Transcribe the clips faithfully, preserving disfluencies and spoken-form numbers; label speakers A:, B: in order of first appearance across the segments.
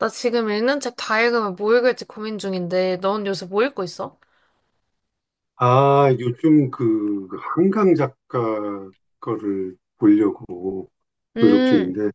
A: 나 지금 읽는 책 다 읽으면 뭐 읽을지 고민 중인데, 넌 요새 뭐 읽고 있어?
B: 아, 요즘 그 한강 작가 거를 보려고 노력
A: 음,
B: 중인데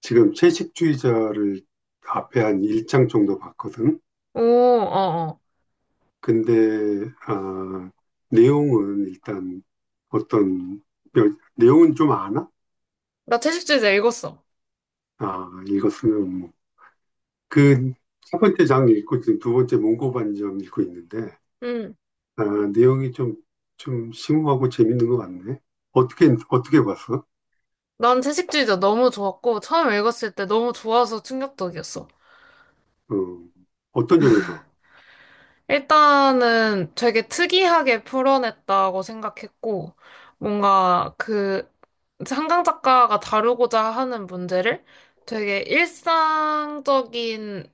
B: 지금 채식주의자를 앞에 한 일 장 정도 봤거든.
A: 오, 어, 어.
B: 근데 아, 내용은 일단 어떤 여- 내용은 좀 아나?
A: 나 채식주의자 읽었어.
B: 아, 읽었으면 뭐. 그 첫 번째 장 읽고 지금 두 번째 문고반점 읽고 있는데
A: 음,
B: 아, 내용이 좀 좀 심오하고 재밌는 것 같네. 어떻게 어떻게 봤어?
A: 난 채식주의자 너무 좋았고, 처음 읽었을 때 너무 좋아서 충격적이었어.
B: 어, 어떤 점에서?
A: 일단은 되게 특이하게 풀어냈다고 생각했고, 뭔가 그, 한강 작가가 다루고자 하는 문제를 되게 일상적인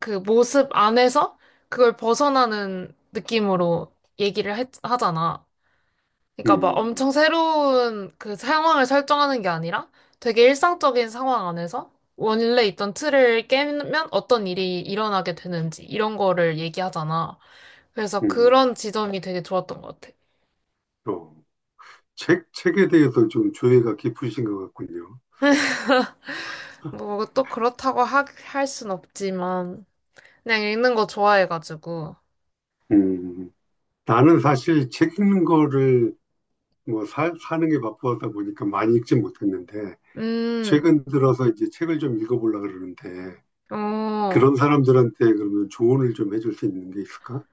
A: 그 모습 안에서 그걸 벗어나는 느낌으로 얘기를 했, 하잖아. 그러니까 막
B: 음,
A: 엄청 새로운 그 상황을 설정하는 게 아니라 되게 일상적인 상황 안에서 원래 있던 틀을 깨면 어떤 일이 일어나게 되는지 이런 거를 얘기하잖아. 그래서
B: 음,
A: 그런 지점이 되게 좋았던 것 같아.
B: 또, 책, 책에 대해서 좀 조예가 깊으신 것 같군요.
A: 뭐 또 그렇다고 하, 할 순 없지만 그냥 읽는 거 좋아해가지고.
B: 음, 나는 사실 책 읽는 거를 뭐 사, 사는 게 바쁘다 보니까 많이 읽지 못했는데,
A: 음,
B: 최근 들어서 이제 책을 좀 읽어보려고 그러는데,
A: 어.
B: 그런 사람들한테 그러면 조언을 좀 해줄 수 있는 게 있을까?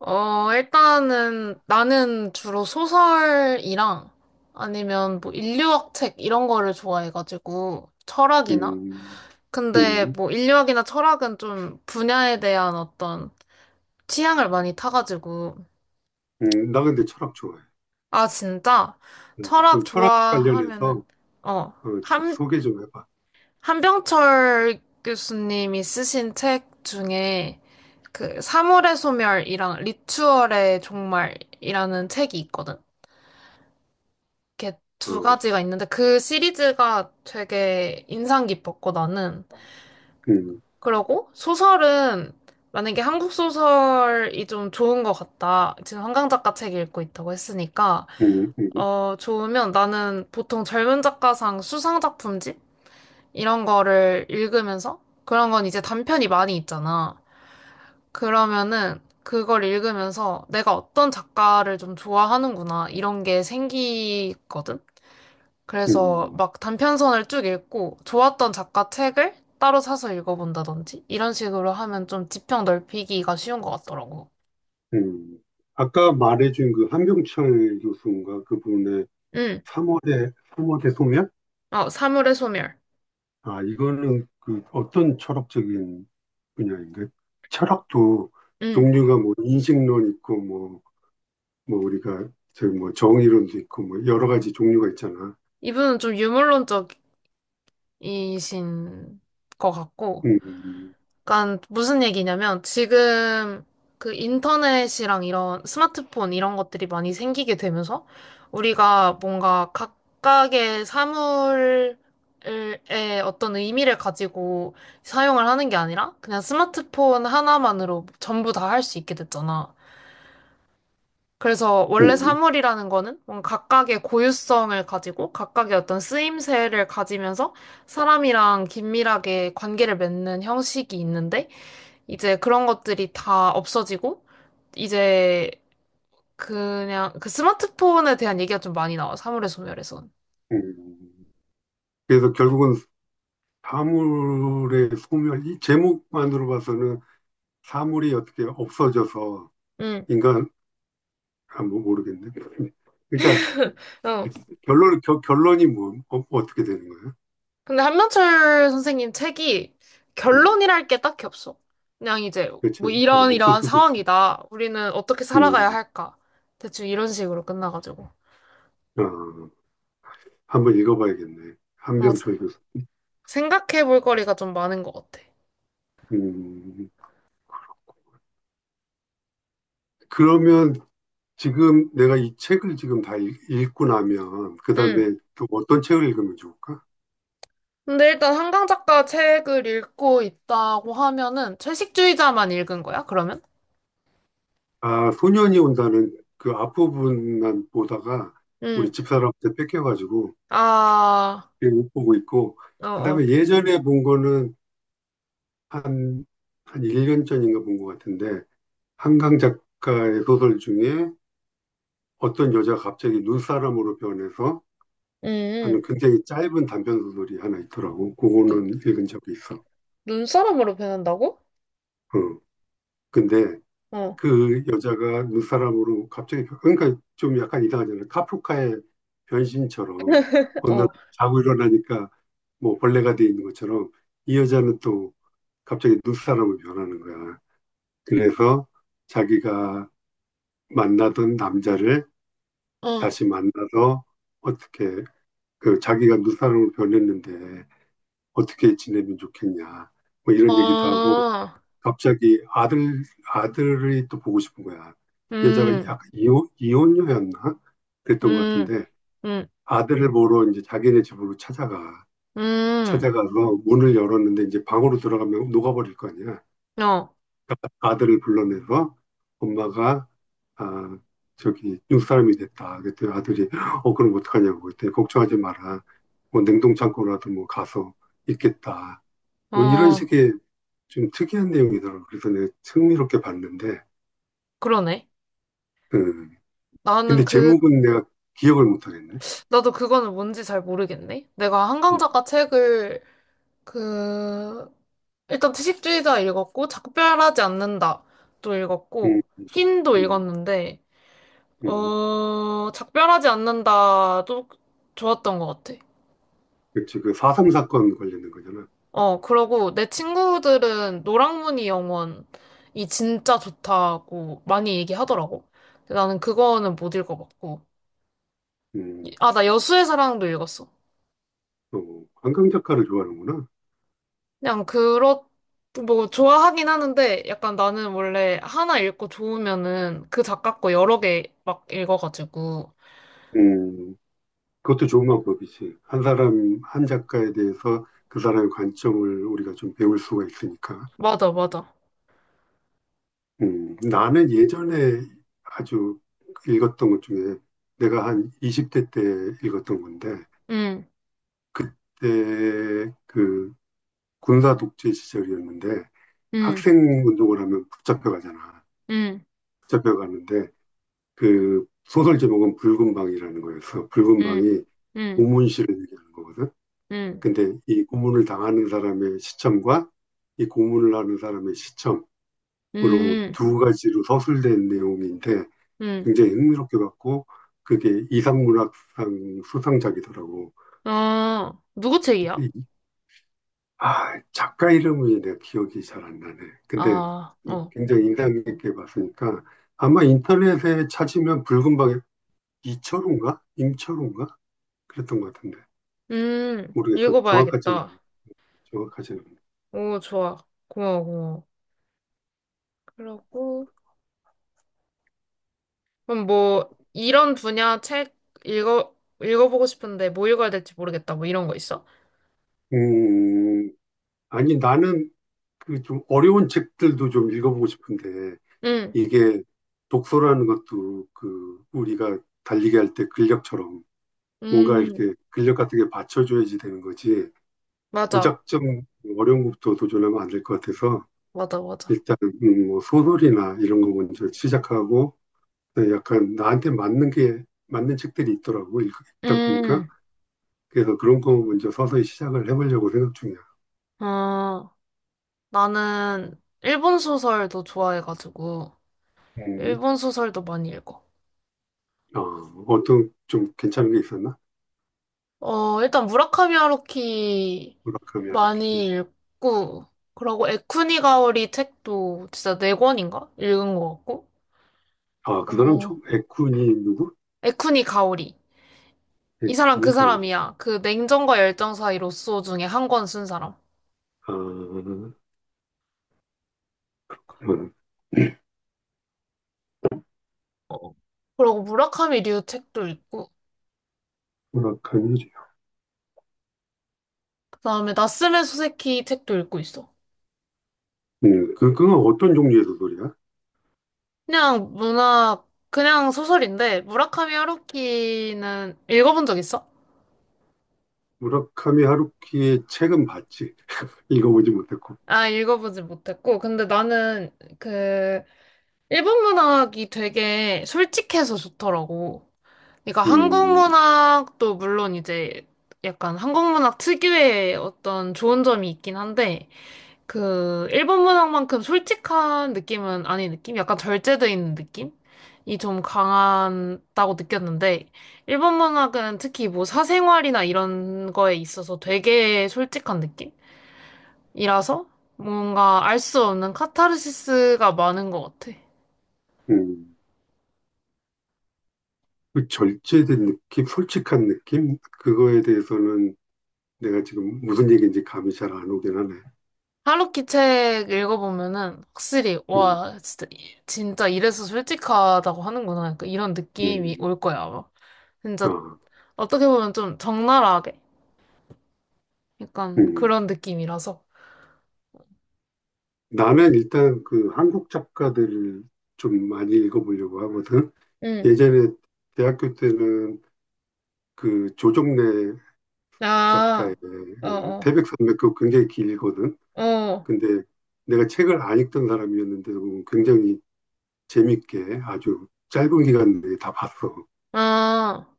A: 어, 일단은 나는 주로 소설이랑 아니면 뭐 인류학 책 이런 거를 좋아해가지고 철학이나?
B: 음,
A: 근데
B: 음,
A: 뭐 인류학이나 철학은 좀 분야에 대한 어떤 취향을 많이 타가지고
B: 음, 나 근데 철학 좋아해.
A: 아, 진짜?
B: 음,
A: 철학
B: 그럼 철학
A: 좋아하면은
B: 관련해서
A: 어,
B: 어, 좀
A: 한,
B: 소개 좀 해봐.
A: 한병철 교수님이 쓰신 책 중에 그 사물의 소멸이랑 리추얼의 종말이라는 책이 있거든. 이렇게 두
B: 어,
A: 가지가 있는데 그 시리즈가 되게 인상 깊었고 나는
B: 음,
A: 그러고 소설은 만약에 한국 소설이 좀 좋은 것 같다. 지금 한강 작가 책 읽고 있다고 했으니까
B: 음, 음,
A: 어 좋으면 나는 보통 젊은 작가상 수상 작품집 이런 거를 읽으면서 그런 건 이제 단편이 많이 있잖아. 그러면은 그걸 읽으면서 내가 어떤 작가를 좀 좋아하는구나 이런 게 생기거든. 그래서
B: 음.
A: 막 단편선을 쭉 읽고 좋았던 작가 책을 따로 사서 읽어본다든지 이런 식으로 하면 좀 지평 넓히기가 쉬운 것 같더라고.
B: 음, 아까 말해준 그 한병철 교수인가 그분의
A: 응.
B: 삼 월의 삼 월의 소멸?
A: 어, 사물의 소멸.
B: 아, 이거는 그 어떤 철학적인 분야인가? 철학도
A: 응.
B: 종류가 뭐 인식론 있고 뭐, 뭐 우리가 저뭐 정의론도 있고 뭐 여러 가지 종류가 있잖아.
A: 이분은 좀 유물론적이신 것 같고
B: 음,
A: 그러니까 무슨 얘기냐면 지금 그 인터넷이랑 이런 스마트폰 이런 것들이 많이 생기게 되면서 우리가 뭔가 각각의 사물의 어떤 의미를 가지고 사용을 하는 게 아니라 그냥 스마트폰 하나만으로 전부 다 할 수 있게 됐잖아. 그래서 원래
B: 음,
A: 사물이라는 거는 뭔가 각각의 고유성을 가지고 각각의 어떤 쓰임새를 가지면서 사람이랑 긴밀하게 관계를 맺는 형식이 있는데 이제 그런 것들이 다 없어지고, 이제 그냥 그 스마트폰에 대한 얘기가 좀 많이 나와, 사물의 소멸에선.
B: 음. 그래서 결국은 사물의 소멸, 이 제목만으로 봐서는 사물이 어떻게 없어져서
A: 응,
B: 인간, 아, 뭐 모르겠네. 그러니까
A: 어.
B: 결론, 겨, 결론이 뭐, 어, 어떻게 되는 거
A: 근데 한명철 선생님 책이
B: 예 음,
A: 결론이랄 게 딱히 없어. 그냥 이제 뭐
B: 그렇지. 어,
A: 이런
B: 없을
A: 이러한
B: 수도 있지.
A: 상황이다. 우리는 어떻게 살아가야
B: 음,
A: 할까? 대충 이런 식으로 끝나가지고.
B: 아, 한번 읽어봐야겠네.
A: 뭐
B: 한병철 교수.
A: 생각해 볼 거리가 좀 많은 것 같아.
B: 음, 그러면 지금 내가 이 책을 지금 다 읽, 읽고 나면, 그
A: 응.
B: 다음에 또 어떤 책을 읽으면 좋을까?
A: 근데 일단 한강 작가 책을 읽고 있다고 하면은 채식주의자만 읽은 거야, 그러면?
B: 아, 소년이 온다는 그 앞부분만 보다가
A: 응.
B: 우리 집사람한테 뺏겨가지고
A: 아,
B: 못 보고 있고,
A: 어,
B: 그
A: 어.
B: 다음에 예전에 본 거는 한, 한 일 년 전인가 본 것 같은데, 한강 작가의 소설 중에 어떤 여자가 갑자기 눈사람으로 변해서
A: 음,
B: 하는 굉장히 짧은 단편 소설이 하나 있더라고.
A: 눈-
B: 그거는 읽은 적이 있어.
A: 눈사람으로 변한다고?
B: 어. 근데
A: 어,
B: 그 여자가 눈사람으로 갑자기 변- 그러니까 좀 약간 이상하잖아. 카프카의 변신처럼 어느 날 자고 일어나니까 뭐 벌레가 돼 있는 것처럼 이 여자는 또 갑자기 눈사람으로 변하는 거야. 그래서 자기가 만나던 남자를
A: 어, 어,
B: 다시 만나서 어떻게 그 자기가 누사람으로 변했는데 어떻게 지내면 좋겠냐. 뭐 이런 얘기도 하고
A: 어,
B: 갑자기 아들 아들이 또 보고 싶은 거야. 여자가
A: 음,
B: 약 이혼 이혼녀였나? 그랬던 것
A: 음,
B: 같은데
A: 음,
B: 아들을 보러 이제 자기네 집으로 찾아가.
A: 음,
B: 찾아가서 문을 열었는데 이제 방으로 들어가면 녹아버릴 거 아니야.
A: 어,
B: 아들을 불러내서 엄마가 아 저기 육사람이 됐다. 그때 아들이 어 그럼 어떡하냐고 그때 걱정하지 마라. 뭐 냉동창고라도 뭐 가서 있겠다. 뭐 이런
A: 어,
B: 식의 좀 특이한 내용이더라고. 그래서 내가 흥미롭게 봤는데
A: 그러네.
B: 음.
A: 나는
B: 근데
A: 그,
B: 제목은 내가 기억을 못 하겠네.
A: 나도 그거는 뭔지 잘 모르겠네. 내가 한강
B: 음,
A: 작가 책을, 그, 일단 채식주의자 읽었고, 작별하지 않는다. 도
B: 음,
A: 읽었고, 흰도
B: 음,
A: 읽었는데,
B: 음.
A: 어, 작별하지 않는다도 좋았던 것 같아.
B: 그치, 그사삼 사건 관련된 거잖아.
A: 어, 그러고 내 친구들은 노랑무늬 영원이 진짜 좋다고 많이 얘기하더라고. 근데 나는 그거는 못 읽어봤고.
B: 음,
A: 아, 나 여수의 사랑도 읽었어.
B: 또, 한강 작가를 좋아하는구나.
A: 그냥 그렇, 뭐, 좋아하긴 하는데 약간 나는 원래 하나 읽고 좋으면은 그 작가 거 여러 개 막 읽어가지고.
B: 음. 그것도 좋은 방법이지. 한 사람, 한 작가에 대해서 그 사람의 관점을 우리가 좀 배울 수가 있으니까.
A: 맞아, 맞아.
B: 음, 나는 예전에 아주 읽었던 것 중에 내가 한 이십 대 때 읽었던 건데,
A: 응,
B: 그때 그 군사 독재 시절이었는데,
A: 응,
B: 학생 운동을 하면 붙잡혀가잖아.
A: 응,
B: 붙잡혀가는데, 그 소설 제목은 붉은 방이라는 거였어. 붉은
A: 응,
B: 방이
A: 응,
B: 고문실을 얘기하는 거거든.
A: 응,
B: 근데 이 고문을 당하는 사람의 시점과 이 고문을 하는 사람의 시점으로
A: 응,
B: 두 가지로 서술된 내용인데
A: 응.
B: 굉장히 흥미롭게 봤고 그게 이상문학상 수상작이더라고.
A: 아, 누구 책이야?
B: 그때 아, 작가 이름이 내가 기억이 잘 안 나네. 근데
A: 아, 어.
B: 굉장히 인상 깊게 봤으니까 아마 인터넷에 찾으면 붉은 방에 이철우인가? 임철우인가? 그랬던 것 같은데
A: 음,
B: 모르겠어. 정확하지는 않
A: 읽어봐야겠다.
B: 정확하지는 않네.
A: 오, 좋아. 고마워, 고마워. 그러고, 그럼 뭐, 이런 분야 책 읽어, 읽어보고 싶은데 뭐 읽어야 될지 모르겠다. 뭐 이런 거 있어?
B: 음, 아니 나는 그 좀 어려운 책들도 좀 읽어보고 싶은데
A: 응,
B: 이게 독서라는 것도 그 우리가 달리기 할 때 근력처럼 뭔가
A: 음,
B: 이렇게 근력 같은 게 받쳐줘야지 되는 거지
A: 맞아.
B: 무작정 어려운 것부터 도전하면 안 될 것 같아서
A: 맞아, 맞아.
B: 일단 음, 뭐 소설이나 이런 거 먼저 시작하고 네, 약간 나한테 맞는 게 맞는 책들이 있더라고 읽- 읽다 보니까
A: 음,
B: 그래서 그런 거 먼저 서서히 시작을 해보려고 생각 중이야.
A: 아, 나는 일본 소설도 좋아해가지고,
B: 음.
A: 일본 소설도 많이 읽어.
B: 어, 어떤 좀 괜찮은 게 있었나?
A: 어, 일단 무라카미 하루키
B: 무라카미
A: 많이
B: 하루키.
A: 읽고, 그러고 에쿠니 가오리 책도 진짜 네 권인가? 읽은 것 같고.
B: 아, 그 사람
A: 어,
B: 총, 에쿠니, 누구?
A: 에쿠니 가오리. 이 사람
B: 에쿠니
A: 그
B: 가오리.
A: 사람이야. 그 냉정과 열정 사이 로쏘 중에 한 권 쓴 사람.
B: 아, 그만.
A: 어. 그러고 무라카미 류 책도 읽고,
B: 무라카미,
A: 그다음에 나스메 소세키 책도 읽고 있어.
B: 음, 그, 그건 어떤 종류의 소설이야?
A: 그냥 문학, 그냥 소설인데, 무라카미 하루키는 읽어본 적 있어?
B: 무라카미 하루키의 책은 봤지. 읽어보지 못했고.
A: 아, 읽어보지 못했고, 근데 나는 그 일본 문학이 되게 솔직해서 좋더라고. 그러니까 한국
B: 음,
A: 문학도 물론 이제 약간 한국 문학 특유의 어떤 좋은 점이 있긴 한데, 그 일본 문학만큼 솔직한 느낌은 아닌 느낌? 약간 절제돼 있는 느낌? 이 좀 강하다고 느꼈는데, 일본 문학은 특히 뭐 사생활이나 이런 거에 있어서 되게 솔직한 느낌이라서 뭔가 알 수 없는 카타르시스가 많은 것 같아.
B: 음. 그 절제된 느낌, 솔직한 느낌? 그거에 대해서는 내가 지금 무슨 얘기인지 감이 잘 안 오긴 하네.
A: 하루키 책 읽어보면은 확실히
B: 음,
A: 와 진짜 이- 진짜 이래서 솔직하다고 하는구나 그러니까 이런 느낌이
B: 음,
A: 올 거야 아마 진짜
B: 아,
A: 어떻게 보면 좀 적나라하게 약간
B: 음.
A: 그런 느낌이라서
B: 나는 일단 그 한국 작가들을 좀 많이 읽어보려고 하거든.
A: 응.
B: 예전에 대학교 때는 그 조정래
A: 아,
B: 작가의
A: 어,
B: 그
A: 어,
B: 태백산맥 그거 굉장히 길거든.
A: 어,
B: 근데 내가 책을 안 읽던 사람이었는데도 굉장히 재밌게 아주 짧은 기간 내에 다 봤어.
A: 아,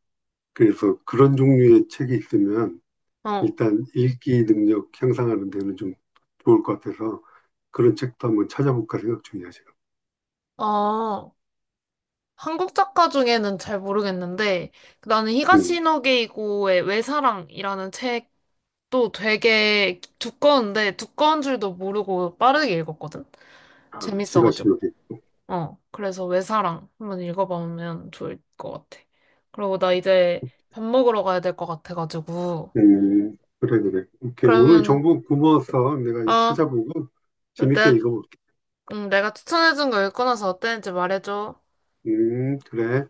B: 그래서 그런 종류의 책이 있으면
A: 어,
B: 일단 읽기 능력 향상하는 데는 좀 좋을 것 같아서 그런 책도 한번 찾아볼까 생각 중이야, 지금.
A: 어. 한국 작가 중에는 잘 모르겠는데 나는
B: 음.
A: 히가시노게이고의 외사랑이라는 또 되게 두꺼운데 두꺼운 줄도 모르고 빠르게 읽었거든.
B: 아, 시가 시노
A: 재밌어가지고.
B: 기
A: 어, 그래서 외사랑 한번 읽어보면 좋을 것 같아. 그리고 나 이제 밥 먹으러 가야 될 것 같아가지고.
B: 음, 그래, 그래. 오케이. 오늘
A: 그러면,
B: 정보 고마웠어. 내가
A: 어,
B: 찾아보고 재밌게
A: 내,
B: 읽어볼게.
A: 음, 내가 추천해준 거 읽고 나서 어땠는지 말해줘.
B: 음, 그래.